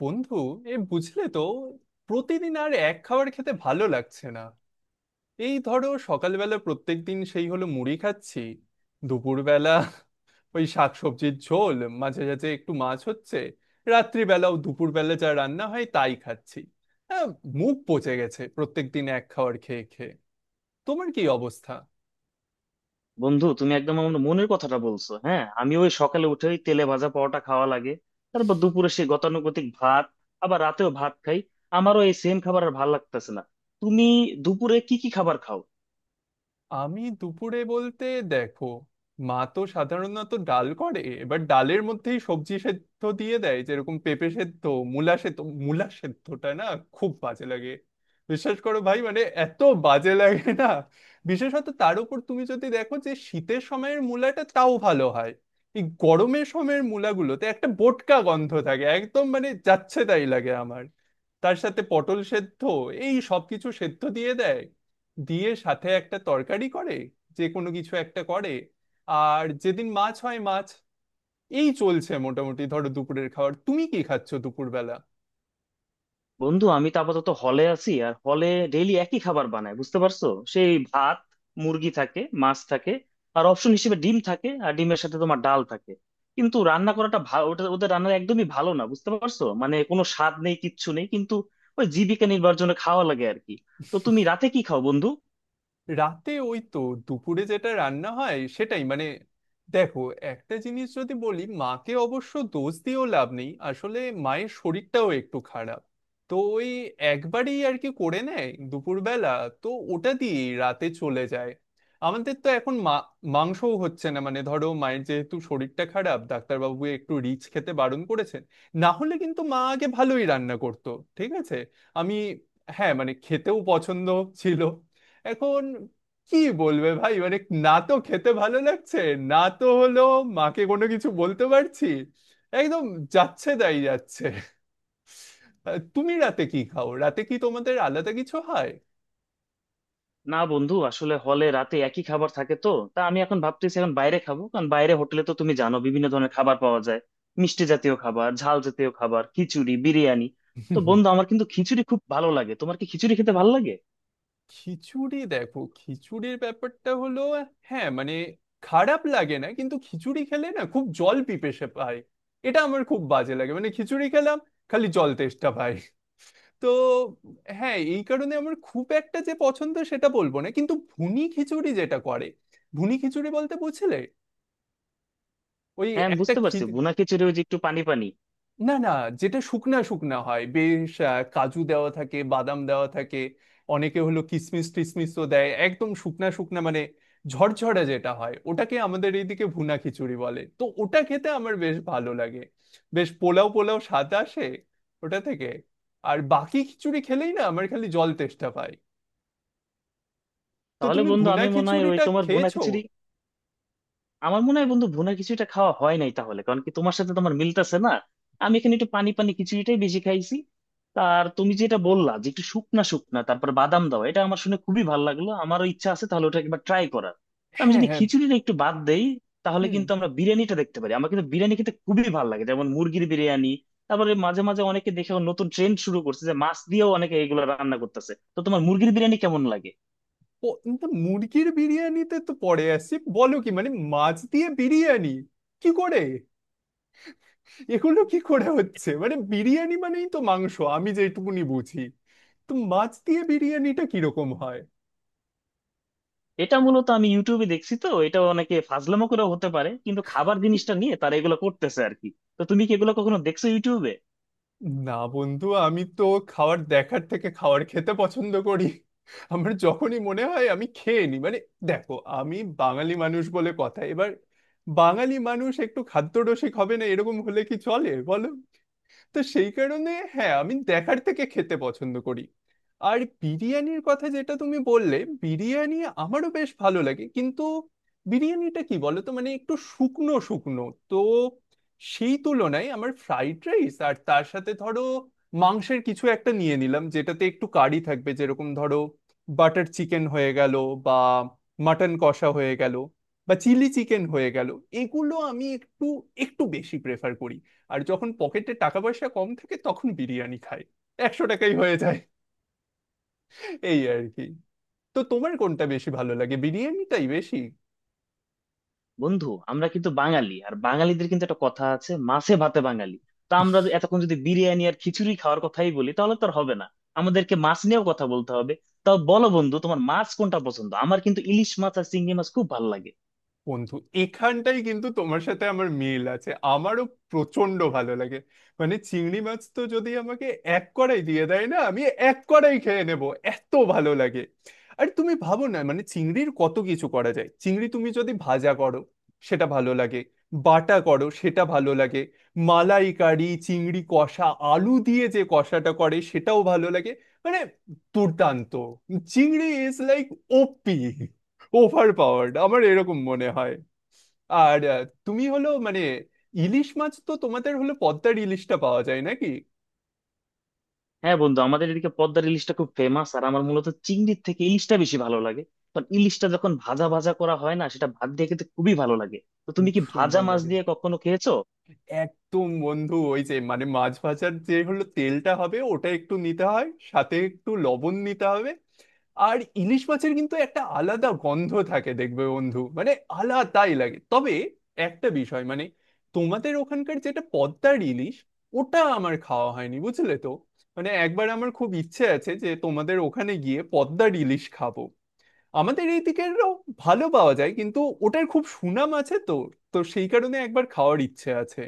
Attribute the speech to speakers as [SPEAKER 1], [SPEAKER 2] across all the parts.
[SPEAKER 1] বন্ধু এ বুঝলে তো, প্রতিদিন আর এক খাবার খেতে ভালো লাগছে না। এই ধরো, সকালবেলা প্রত্যেকদিন সেই হলো মুড়ি খাচ্ছি। দুপুরবেলা ওই শাকসবজির ঝোল, মাঝে মাঝে একটু মাছ হচ্ছে। রাত্রিবেলাও দুপুরবেলা যা রান্না হয় তাই খাচ্ছি। হ্যাঁ, মুখ পচে গেছে প্রত্যেকদিন এক খাবার খেয়ে খেয়ে। তোমার কি অবস্থা?
[SPEAKER 2] বন্ধু, তুমি একদম আমার মনের কথাটা বলছো। হ্যাঁ, আমি ওই সকালে উঠে ওই তেলে ভাজা পরোটা খাওয়া লাগে। তারপর দুপুরে সেই গতানুগতিক ভাত, আবার রাতেও ভাত খাই। আমারও এই সেম খাবার আর ভাল লাগতেছে না। তুমি দুপুরে কি কি খাবার খাও?
[SPEAKER 1] আমি দুপুরে বলতে, দেখো, মা তো সাধারণত ডাল করে, এবার ডালের মধ্যেই সবজি সেদ্ধ দিয়ে দেয়, যেরকম পেঁপে সেদ্ধ, মূলা সেদ্ধ। মূলা সেদ্ধটা না খুব বাজে লাগে, বিশ্বাস করো ভাই, মানে এত বাজে লাগে না। বিশেষত তার উপর তুমি যদি দেখো, যে শীতের সময়ের মূলাটা তাও ভালো হয়, এই গরমের সময়ের মূলাগুলোতে একটা বোটকা গন্ধ থাকে, একদম মানে যাচ্ছে তাই লাগে আমার। তার সাথে পটল সেদ্ধ, এই সবকিছু সেদ্ধ দিয়ে দেয়, দিয়ে সাথে একটা তরকারি করে, যে কোনো কিছু একটা করে। আর যেদিন মাছ হয় মাছ। এই চলছে মোটামুটি, ধরো দুপুরের খাবার। তুমি কি খাচ্ছ দুপুরবেলা?
[SPEAKER 2] বন্ধু, আমি তো আপাতত হলে আছি, আর হলে ডেইলি একই খাবার বানায়, বুঝতে পারছো? সেই ভাত, মুরগি থাকে, মাছ থাকে, আর অপশন হিসেবে ডিম থাকে, আর ডিমের সাথে তোমার ডাল থাকে। কিন্তু রান্না করাটা ভালো, ওটা ওদের রান্না একদমই ভালো না, বুঝতে পারছো? মানে কোনো স্বাদ নেই, কিচ্ছু নেই, কিন্তু ওই জীবিকা নির্বাহের জন্য খাওয়া লাগে আর কি। তো তুমি রাতে কি খাও বন্ধু?
[SPEAKER 1] রাতে ওই তো দুপুরে যেটা রান্না হয় সেটাই, মানে, দেখো, একটা জিনিস যদি বলি, মাকে অবশ্য দোষ দিয়েও লাভ নেই আসলে, মায়ের শরীরটাও একটু খারাপ। তো ওই একবারই আর কি করে নেয় দুপুরবেলা, তো ওটা দিয়ে রাতে চলে যায়। আমাদের তো এখন মা, মাংসও হচ্ছে না, মানে ধরো মায়ের যেহেতু শরীরটা খারাপ, ডাক্তারবাবু একটু রিচ খেতে বারণ করেছেন। না হলে কিন্তু মা আগে ভালোই রান্না করতো, ঠিক আছে। আমি, হ্যাঁ মানে, খেতেও পছন্দ ছিল। এখন কি বলবে ভাই, মানে, না তো খেতে ভালো লাগছে, না তো হলো মাকে কোনো কিছু বলতে পারছি। একদম যাচ্ছে তাই যাচ্ছে। তুমি রাতে কি খাও? রাতে কি তোমাদের আলাদা কিছু হয়?
[SPEAKER 2] না বন্ধু, আসলে হলে রাতে একই খাবার থাকে তো। তা আমি এখন ভাবতেছি এখন বাইরে খাবো, কারণ বাইরে হোটেলে তো তুমি জানো, বিভিন্ন ধরনের খাবার পাওয়া যায়। মিষ্টি জাতীয় খাবার, ঝাল জাতীয় খাবার, খিচুড়ি, বিরিয়ানি। তো বন্ধু, আমার কিন্তু খিচুড়ি খুব ভালো লাগে, তোমার কি খিচুড়ি খেতে ভালো লাগে?
[SPEAKER 1] খিচুড়ি দেখো, খিচুড়ির ব্যাপারটা হলো, হ্যাঁ মানে খারাপ লাগে না, কিন্তু খিচুড়ি খেলে না খুব জল পিপেসে পায়। এটা আমার খুব বাজে লাগে, মানে খিচুড়ি খেলাম, খালি জল তেষ্টা পায়। তো হ্যাঁ, এই কারণে আমার খুব একটা যে পছন্দ সেটা বলবো না, কিন্তু ভুনি খিচুড়ি যেটা করে, ভুনি খিচুড়ি বলতে বুঝলে, ওই
[SPEAKER 2] হ্যাঁ, আমি
[SPEAKER 1] একটা
[SPEAKER 2] বুঝতে
[SPEAKER 1] খি
[SPEAKER 2] পারছি, ভুনা খিচুড়ি ওই যে একটু পানি পানি।
[SPEAKER 1] না না, যেটা শুকনা শুকনা হয় বেশ, কাজু দেওয়া থাকে, বাদাম দেওয়া থাকে, অনেকে হলো কিশমিশ টিশমিশও দেয়, একদম শুকনা শুকনা, মানে ঝরঝরা যেটা হয় ওটাকে আমাদের এইদিকে ভুনা খিচুড়ি বলে। তো ওটা খেতে আমার বেশ ভালো লাগে, বেশ পোলাও পোলাও স্বাদ আসে ওটা থেকে। আর বাকি খিচুড়ি খেলেই না আমার খালি জল তেষ্টা পায়। তো
[SPEAKER 2] তাহলে
[SPEAKER 1] তুমি
[SPEAKER 2] বন্ধু,
[SPEAKER 1] ভুনা
[SPEAKER 2] আমি মনে হয় ওই
[SPEAKER 1] খিচুড়িটা
[SPEAKER 2] তোমার ভুনা
[SPEAKER 1] খেয়েছো?
[SPEAKER 2] খিচুড়ি আমার মনে হয় বন্ধু ভুনা খিচুড়িটা খাওয়া হয় নাই তাহলে, কারণ কি তোমার সাথে তোমার মিলতেছে না। আমি এখানে একটু পানি পানি খিচুড়িটাই বেশি খাইছি। আর তুমি যেটা বললা যে একটু শুকনা শুকনা, তারপর বাদাম দাও, এটা আমার শুনে খুবই ভালো লাগলো, আমারও ইচ্ছা আছে তাহলে ওটা একবার ট্রাই করার। তো আমি
[SPEAKER 1] হ্যাঁ,
[SPEAKER 2] যদি
[SPEAKER 1] হ্যাঁ।
[SPEAKER 2] খিচুড়িটা একটু বাদ দেই, তাহলে
[SPEAKER 1] হুম।
[SPEAKER 2] কিন্তু আমরা বিরিয়ানিটা দেখতে পারি। আমার কিন্তু বিরিয়ানি খেতে খুবই ভালো লাগে, যেমন মুরগির বিরিয়ানি। তারপরে মাঝে মাঝে অনেকে দেখে নতুন ট্রেন্ড শুরু করছে যে মাছ দিয়েও অনেকে এগুলো রান্না করতেছে। তো তোমার মুরগির বিরিয়ানি কেমন লাগে?
[SPEAKER 1] কিন্তু মুরগির বিরিয়ানিতে তো পরে আসি, বলো কি, মানে মাছ দিয়ে বিরিয়ানি কি করে, এগুলো কি করে হচ্ছে? মানে বিরিয়ানি মানেই তো মাংস আমি যেটুকুনি বুঝি। তো মাছ দিয়ে বিরিয়ানিটা কিরকম হয়?
[SPEAKER 2] এটা মূলত আমি ইউটিউবে দেখছি, তো এটা অনেকে ফাজলামো করেও হতে পারে, কিন্তু খাবার জিনিসটা নিয়ে তারা এগুলো করতেছে আর কি। তো তুমি কি এগুলো কখনো দেখছো ইউটিউবে?
[SPEAKER 1] না বন্ধু, আমি তো খাবার দেখার থেকে খাবার খেতে পছন্দ করি। আমার যখনই মনে হয় আমি খেয়ে নিই, মানে দেখো, আমি বাঙালি মানুষ বলে কথা। এবার বাঙালি মানুষ একটু খাদ্যরসিক হবে না, এরকম হলে কি চলে বলো? তো সেই কারণে হ্যাঁ, আমি দেখার থেকে খেতে পছন্দ করি। আর বিরিয়ানির কথা যেটা তুমি বললে, বিরিয়ানি আমারও বেশ ভালো লাগে, কিন্তু বিরিয়ানিটা কি বলো তো, মানে একটু শুকনো শুকনো। তো সেই তুলনায় আমার ফ্রাইড রাইস, আর তার সাথে ধরো মাংসের কিছু একটা নিয়ে নিলাম যেটাতে একটু কারি থাকবে, যেরকম ধরো বাটার চিকেন হয়ে গেল, বা মাটন কষা হয়ে গেল, বা চিলি চিকেন হয়ে গেল, এগুলো আমি একটু একটু বেশি প্রেফার করি। আর যখন পকেটে টাকা পয়সা কম থাকে তখন বিরিয়ানি খাই, 100 টাকাই হয়ে যায়, এই আর কি। তো তোমার কোনটা বেশি ভালো লাগে, বিরিয়ানিটাই বেশি?
[SPEAKER 2] বন্ধু, আমরা কিন্তু বাঙালি, আর বাঙালিদের কিন্তু একটা কথা আছে, মাছে ভাতে বাঙালি। তো আমরা এতক্ষণ যদি বিরিয়ানি আর খিচুড়ি খাওয়ার কথাই বলি, তাহলে তো আর হবে না, আমাদেরকে মাছ নিয়েও কথা বলতে হবে। তাও বলো বন্ধু, তোমার মাছ কোনটা পছন্দ? আমার কিন্তু ইলিশ মাছ আর চিংড়ি মাছ খুব ভালো লাগে।
[SPEAKER 1] বন্ধু, এখানটাই কিন্তু তোমার সাথে আমার মিল আছে, আমারও প্রচন্ড ভালো লাগে। মানে চিংড়ি মাছ তো যদি আমাকে এক কড়াই দিয়ে দেয় না, আমি এক কড়াই খেয়ে নেব, এত ভালো লাগে। আর তুমি ভাবো না, মানে চিংড়ির কত কিছু করা যায়। চিংড়ি তুমি যদি ভাজা করো সেটা ভালো লাগে, বাটা করো সেটা ভালো লাগে, মালাই কারি, চিংড়ি কষা, আলু দিয়ে যে কষাটা করে সেটাও ভালো লাগে, মানে দুর্দান্ত। চিংড়ি is like OP, overpowered, আমার এরকম মনে হয়। আর তুমি হলো, মানে ইলিশ মাছ তো তোমাদের হলো, পদ্মার ইলিশটা পাওয়া যায় নাকি?
[SPEAKER 2] হ্যাঁ বন্ধু, আমাদের এদিকে পদ্মার ইলিশটা খুব ফেমাস, আর আমার মূলত চিংড়ির থেকে ইলিশটা বেশি ভালো লাগে। কারণ ইলিশটা যখন ভাজা ভাজা করা হয় না, সেটা ভাত দিয়ে খেতে খুবই ভালো লাগে। তো তুমি
[SPEAKER 1] খুব
[SPEAKER 2] কি ভাজা
[SPEAKER 1] সুন্দর
[SPEAKER 2] মাছ
[SPEAKER 1] লাগে,
[SPEAKER 2] দিয়ে কখনো খেয়েছো?
[SPEAKER 1] একদম বন্ধু। ওই যে মানে মাছ ভাজার যে হলো তেলটা হবে, ওটা একটু নিতে হয়, সাথে একটু লবণ নিতে হবে। আর ইলিশ মাছের কিন্তু একটা আলাদা গন্ধ থাকে, দেখবে বন্ধু, মানে আলাদাই লাগে। তবে একটা বিষয়, মানে তোমাদের ওখানকার যেটা পদ্মার ইলিশ, ওটা আমার খাওয়া হয়নি, বুঝলে তো। মানে একবার আমার খুব ইচ্ছে আছে যে তোমাদের ওখানে গিয়ে পদ্মার ইলিশ খাবো। আমাদের এইদিকেরও ভালো পাওয়া যায়, কিন্তু ওটার খুব সুনাম আছে, তো তো সেই কারণে একবার খাওয়ার ইচ্ছে আছে।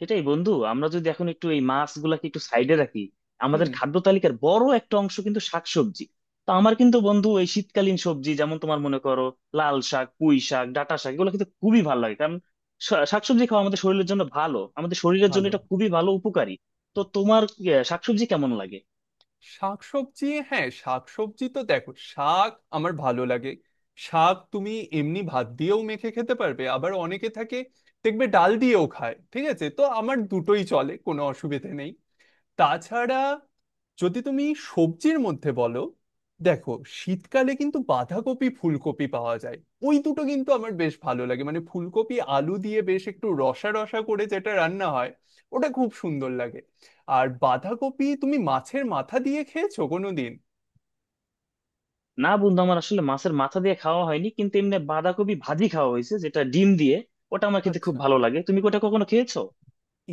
[SPEAKER 2] সেটাই বন্ধু, আমরা যদি এখন একটু এই মাছগুলাকে একটু সাইডে রাখি,
[SPEAKER 1] হুম।
[SPEAKER 2] আমাদের খাদ্য তালিকার বড় একটা অংশ কিন্তু শাকসবজি। তো আমার কিন্তু বন্ধু এই শীতকালীন সবজি, যেমন তোমার মনে করো লাল শাক, পুঁই শাক, ডাঁটা শাক, এগুলো কিন্তু খুবই ভালো লাগে। কারণ শাকসবজি খাওয়া আমাদের শরীরের জন্য ভালো, আমাদের শরীরের জন্য
[SPEAKER 1] ভালো।
[SPEAKER 2] এটা খুবই ভালো উপকারী। তো তোমার শাকসবজি কেমন লাগে?
[SPEAKER 1] শাকসবজি, হ্যাঁ শাকসবজি তো, দেখো, শাক আমার ভালো লাগে। শাক তুমি এমনি ভাত দিয়েও মেখে খেতে পারবে, আবার অনেকে থাকে দেখবে ডাল দিয়েও খায়, ঠিক আছে, তো আমার দুটোই চলে, কোনো অসুবিধে নেই। তাছাড়া যদি তুমি সবজির মধ্যে বলো, দেখো, শীতকালে কিন্তু বাঁধাকপি ফুলকপি পাওয়া যায়, ওই দুটো কিন্তু আমার বেশ ভালো লাগে, মানে ফুলকপি আলু দিয়ে বেশ একটু রসা রসা করে যেটা রান্না হয়, ওটা খুব সুন্দর লাগে। আর বাঁধাকপি তুমি মাছের মাথা দিয়ে খেয়েছো কোনোদিন?
[SPEAKER 2] না বন্ধু, আমার আসলে মাছের মাথা দিয়ে খাওয়া হয়নি, কিন্তু এমনি বাঁধাকপি ভাজি খাওয়া হয়েছে, যেটা ডিম দিয়ে। ওটা আমার খেতে খুব
[SPEAKER 1] আচ্ছা,
[SPEAKER 2] ভালো লাগে, তুমি কি ওটা কখনো খেয়েছো?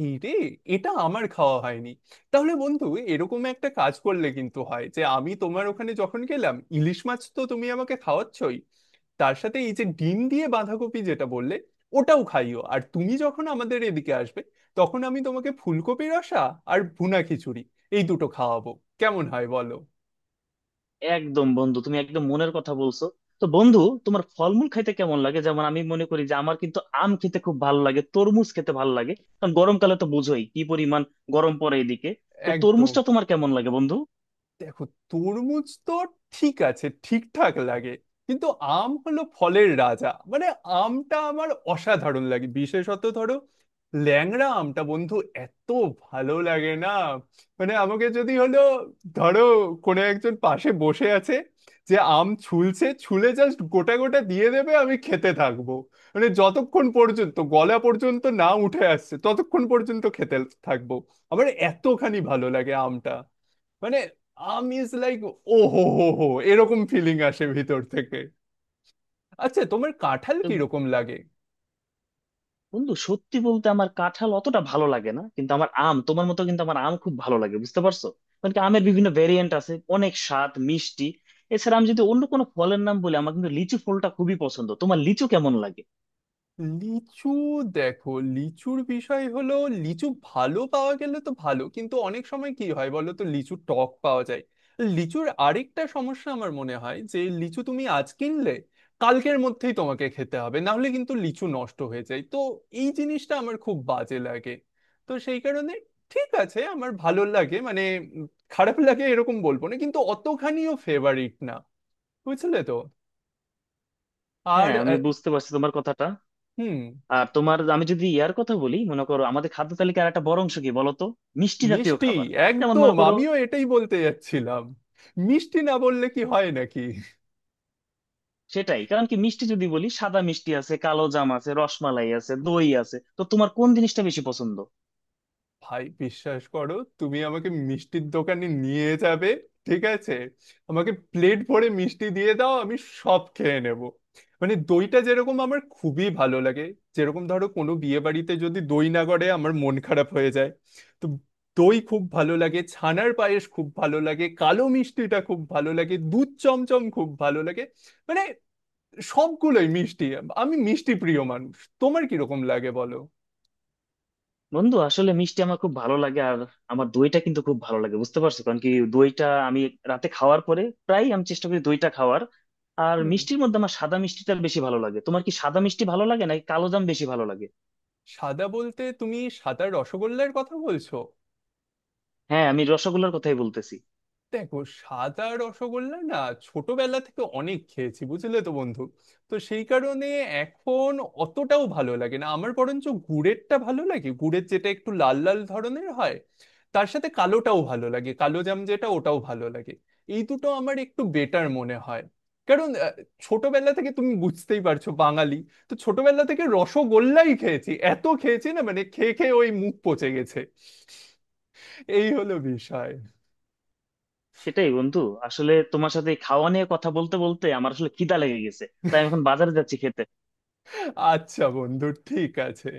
[SPEAKER 1] এই রে, এটা আমার খাওয়া হয়নি। তাহলে বন্ধু, এরকম একটা কাজ করলে কিন্তু হয়, যে আমি তোমার ওখানে যখন গেলাম, ইলিশ মাছ তো তুমি আমাকে খাওয়াচ্ছই, তার সাথে এই যে ডিম দিয়ে বাঁধাকপি যেটা বললে, ওটাও খাইও। আর তুমি যখন আমাদের এদিকে আসবে, তখন আমি তোমাকে ফুলকপি রসা আর ভুনা খিচুড়ি, এই দুটো খাওয়াবো। কেমন হয় বলো?
[SPEAKER 2] একদম বন্ধু, তুমি একদম মনের কথা বলছো। তো বন্ধু, তোমার ফলমূল খাইতে কেমন লাগে? যেমন আমি মনে করি যে আমার কিন্তু আম খেতে খুব ভালো লাগে, তরমুজ খেতে ভালো লাগে। কারণ গরমকালে তো বুঝোই কি পরিমাণ গরম পড়ে এদিকে। তো
[SPEAKER 1] একদম।
[SPEAKER 2] তরমুজটা তোমার কেমন লাগে বন্ধু?
[SPEAKER 1] দেখো, তরমুজ তো ঠিক আছে, ঠিকঠাক লাগে, কিন্তু আম হলো ফলের রাজা, মানে আমটা আমার অসাধারণ লাগে। বিশেষত ধরো, ল্যাংড়া আমটা, বন্ধু এত ভালো লাগে না, মানে আমাকে যদি হলো, ধরো কোনো একজন পাশে বসে আছে যে আম ছুলছে, ছুলে জাস্ট গোটা গোটা দিয়ে দেবে, আমি খেতে থাকবো, মানে যতক্ষণ পর্যন্ত গলা পর্যন্ত না উঠে আসছে ততক্ষণ পর্যন্ত খেতে থাকবো। আমার এতখানি ভালো লাগে আমটা, মানে আমি ইজ লাইক, ও হো হো হো, এরকম ফিলিং আসে ভিতর থেকে। আচ্ছা, তোমার কাঁঠাল কিরকম লাগে?
[SPEAKER 2] বন্ধু সত্যি বলতে, আমার কাঁঠাল অতটা ভালো লাগে না, কিন্তু আমার আম তোমার মতো কিন্তু আমার আম খুব ভালো লাগে, বুঝতে পারছো? কারণ কি, আমের বিভিন্ন ভেরিয়েন্ট আছে, অনেক স্বাদ, মিষ্টি। এছাড়া আমি যদি অন্য কোনো ফলের নাম বলি, আমার কিন্তু লিচু ফলটা খুবই পছন্দ। তোমার লিচু কেমন লাগে?
[SPEAKER 1] লিচু, দেখো, লিচুর বিষয় হলো, লিচু ভালো পাওয়া গেলে তো ভালো, কিন্তু অনেক সময় কি হয় বলো তো, লিচু টক পাওয়া যায়। লিচুর আরেকটা সমস্যা আমার মনে হয়, যে লিচু তুমি আজ কিনলে কালকের মধ্যেই তোমাকে খেতে হবে, না হলে কিন্তু লিচু নষ্ট হয়ে যায়, তো এই জিনিসটা আমার খুব বাজে লাগে। তো সেই কারণে ঠিক আছে, আমার ভালো লাগে, মানে, উম, খারাপ লাগে এরকম বলবো না, কিন্তু অতখানিও ফেভারিট না, বুঝলে তো। আর
[SPEAKER 2] হ্যাঁ, আমি বুঝতে পারছি তোমার কথাটা।
[SPEAKER 1] হুম।
[SPEAKER 2] আর তোমার আমি যদি ইয়ার কথা বলি, মনে করো আমাদের খাদ্য তালিকার একটা বড় অংশ কি বলতো? মিষ্টি জাতীয়
[SPEAKER 1] মিষ্টি,
[SPEAKER 2] খাবার। যেমন
[SPEAKER 1] একদম,
[SPEAKER 2] মনে করো,
[SPEAKER 1] আমিও এটাই বলতে যাচ্ছিলাম। মিষ্টি না বললে কি হয় নাকি?
[SPEAKER 2] সেটাই কারণ কি, মিষ্টি যদি বলি, সাদা মিষ্টি আছে, কালো জাম আছে, রসমালাই আছে, দই আছে, তো তোমার কোন জিনিসটা বেশি পছন্দ?
[SPEAKER 1] ভাই বিশ্বাস করো, তুমি আমাকে মিষ্টির দোকানে নিয়ে যাবে, ঠিক আছে, আমাকে প্লেট ভরে মিষ্টি দিয়ে দাও, আমি সব খেয়ে নেব। মানে দইটা যেরকম আমার খুবই ভালো লাগে, যেরকম ধরো কোনো বিয়ে বাড়িতে যদি দই না করে আমার মন খারাপ হয়ে যায়। তো দই খুব ভালো লাগে, ছানার পায়েস খুব ভালো লাগে, কালো মিষ্টিটা খুব ভালো লাগে, দুধ চমচম খুব ভালো লাগে, মানে সবগুলোই মিষ্টি। আমি মিষ্টি প্রিয় মানুষ। তোমার কিরকম লাগে বলো?
[SPEAKER 2] বন্ধু, আসলে মিষ্টি আমার খুব ভালো লাগে, আর আমার দইটা কিন্তু খুব ভালো লাগে, বুঝতে পারছো? কারণ কি, দইটা আমি রাতে খাওয়ার পরে প্রায় আমি চেষ্টা করি দইটা খাওয়ার। আর
[SPEAKER 1] হুম।
[SPEAKER 2] মিষ্টির মধ্যে আমার সাদা মিষ্টিটা বেশি ভালো লাগে। তোমার কি সাদা মিষ্টি ভালো লাগে নাকি কালো জাম বেশি ভালো লাগে?
[SPEAKER 1] সাদা বলতে তুমি সাদা রসগোল্লার কথা বলছো?
[SPEAKER 2] হ্যাঁ, আমি রসগোল্লার কথাই বলতেছি।
[SPEAKER 1] দেখো, সাদা রসগোল্লা না ছোটবেলা থেকে অনেক খেয়েছি, বুঝলে তো বন্ধু। তো সেই কারণে এখন অতটাও ভালো লাগে না আমার, বরঞ্চ গুড়েরটা ভালো লাগে, গুড়ের যেটা একটু লাল লাল ধরনের হয়। তার সাথে কালোটাও ভালো লাগে, কালো জাম যেটা ওটাও ভালো লাগে। এই দুটো আমার একটু বেটার মনে হয়। কারণ ছোটবেলা থেকে তুমি বুঝতেই পারছো বাঙালি, তো ছোটবেলা থেকে রসগোল্লাই খেয়েছি, এত খেয়েছি, না মানে খেয়ে খেয়ে ওই মুখ পচে গেছে। এই হলো বিষয়।
[SPEAKER 2] সেটাই বন্ধু, আসলে তোমার সাথে এই খাওয়া নিয়ে কথা বলতে বলতে আমার আসলে খিদা লেগে গেছে। তাই আমি এখন বাজারে যাচ্ছি খেতে।
[SPEAKER 1] আচ্ছা বন্ধু, ঠিক আছে।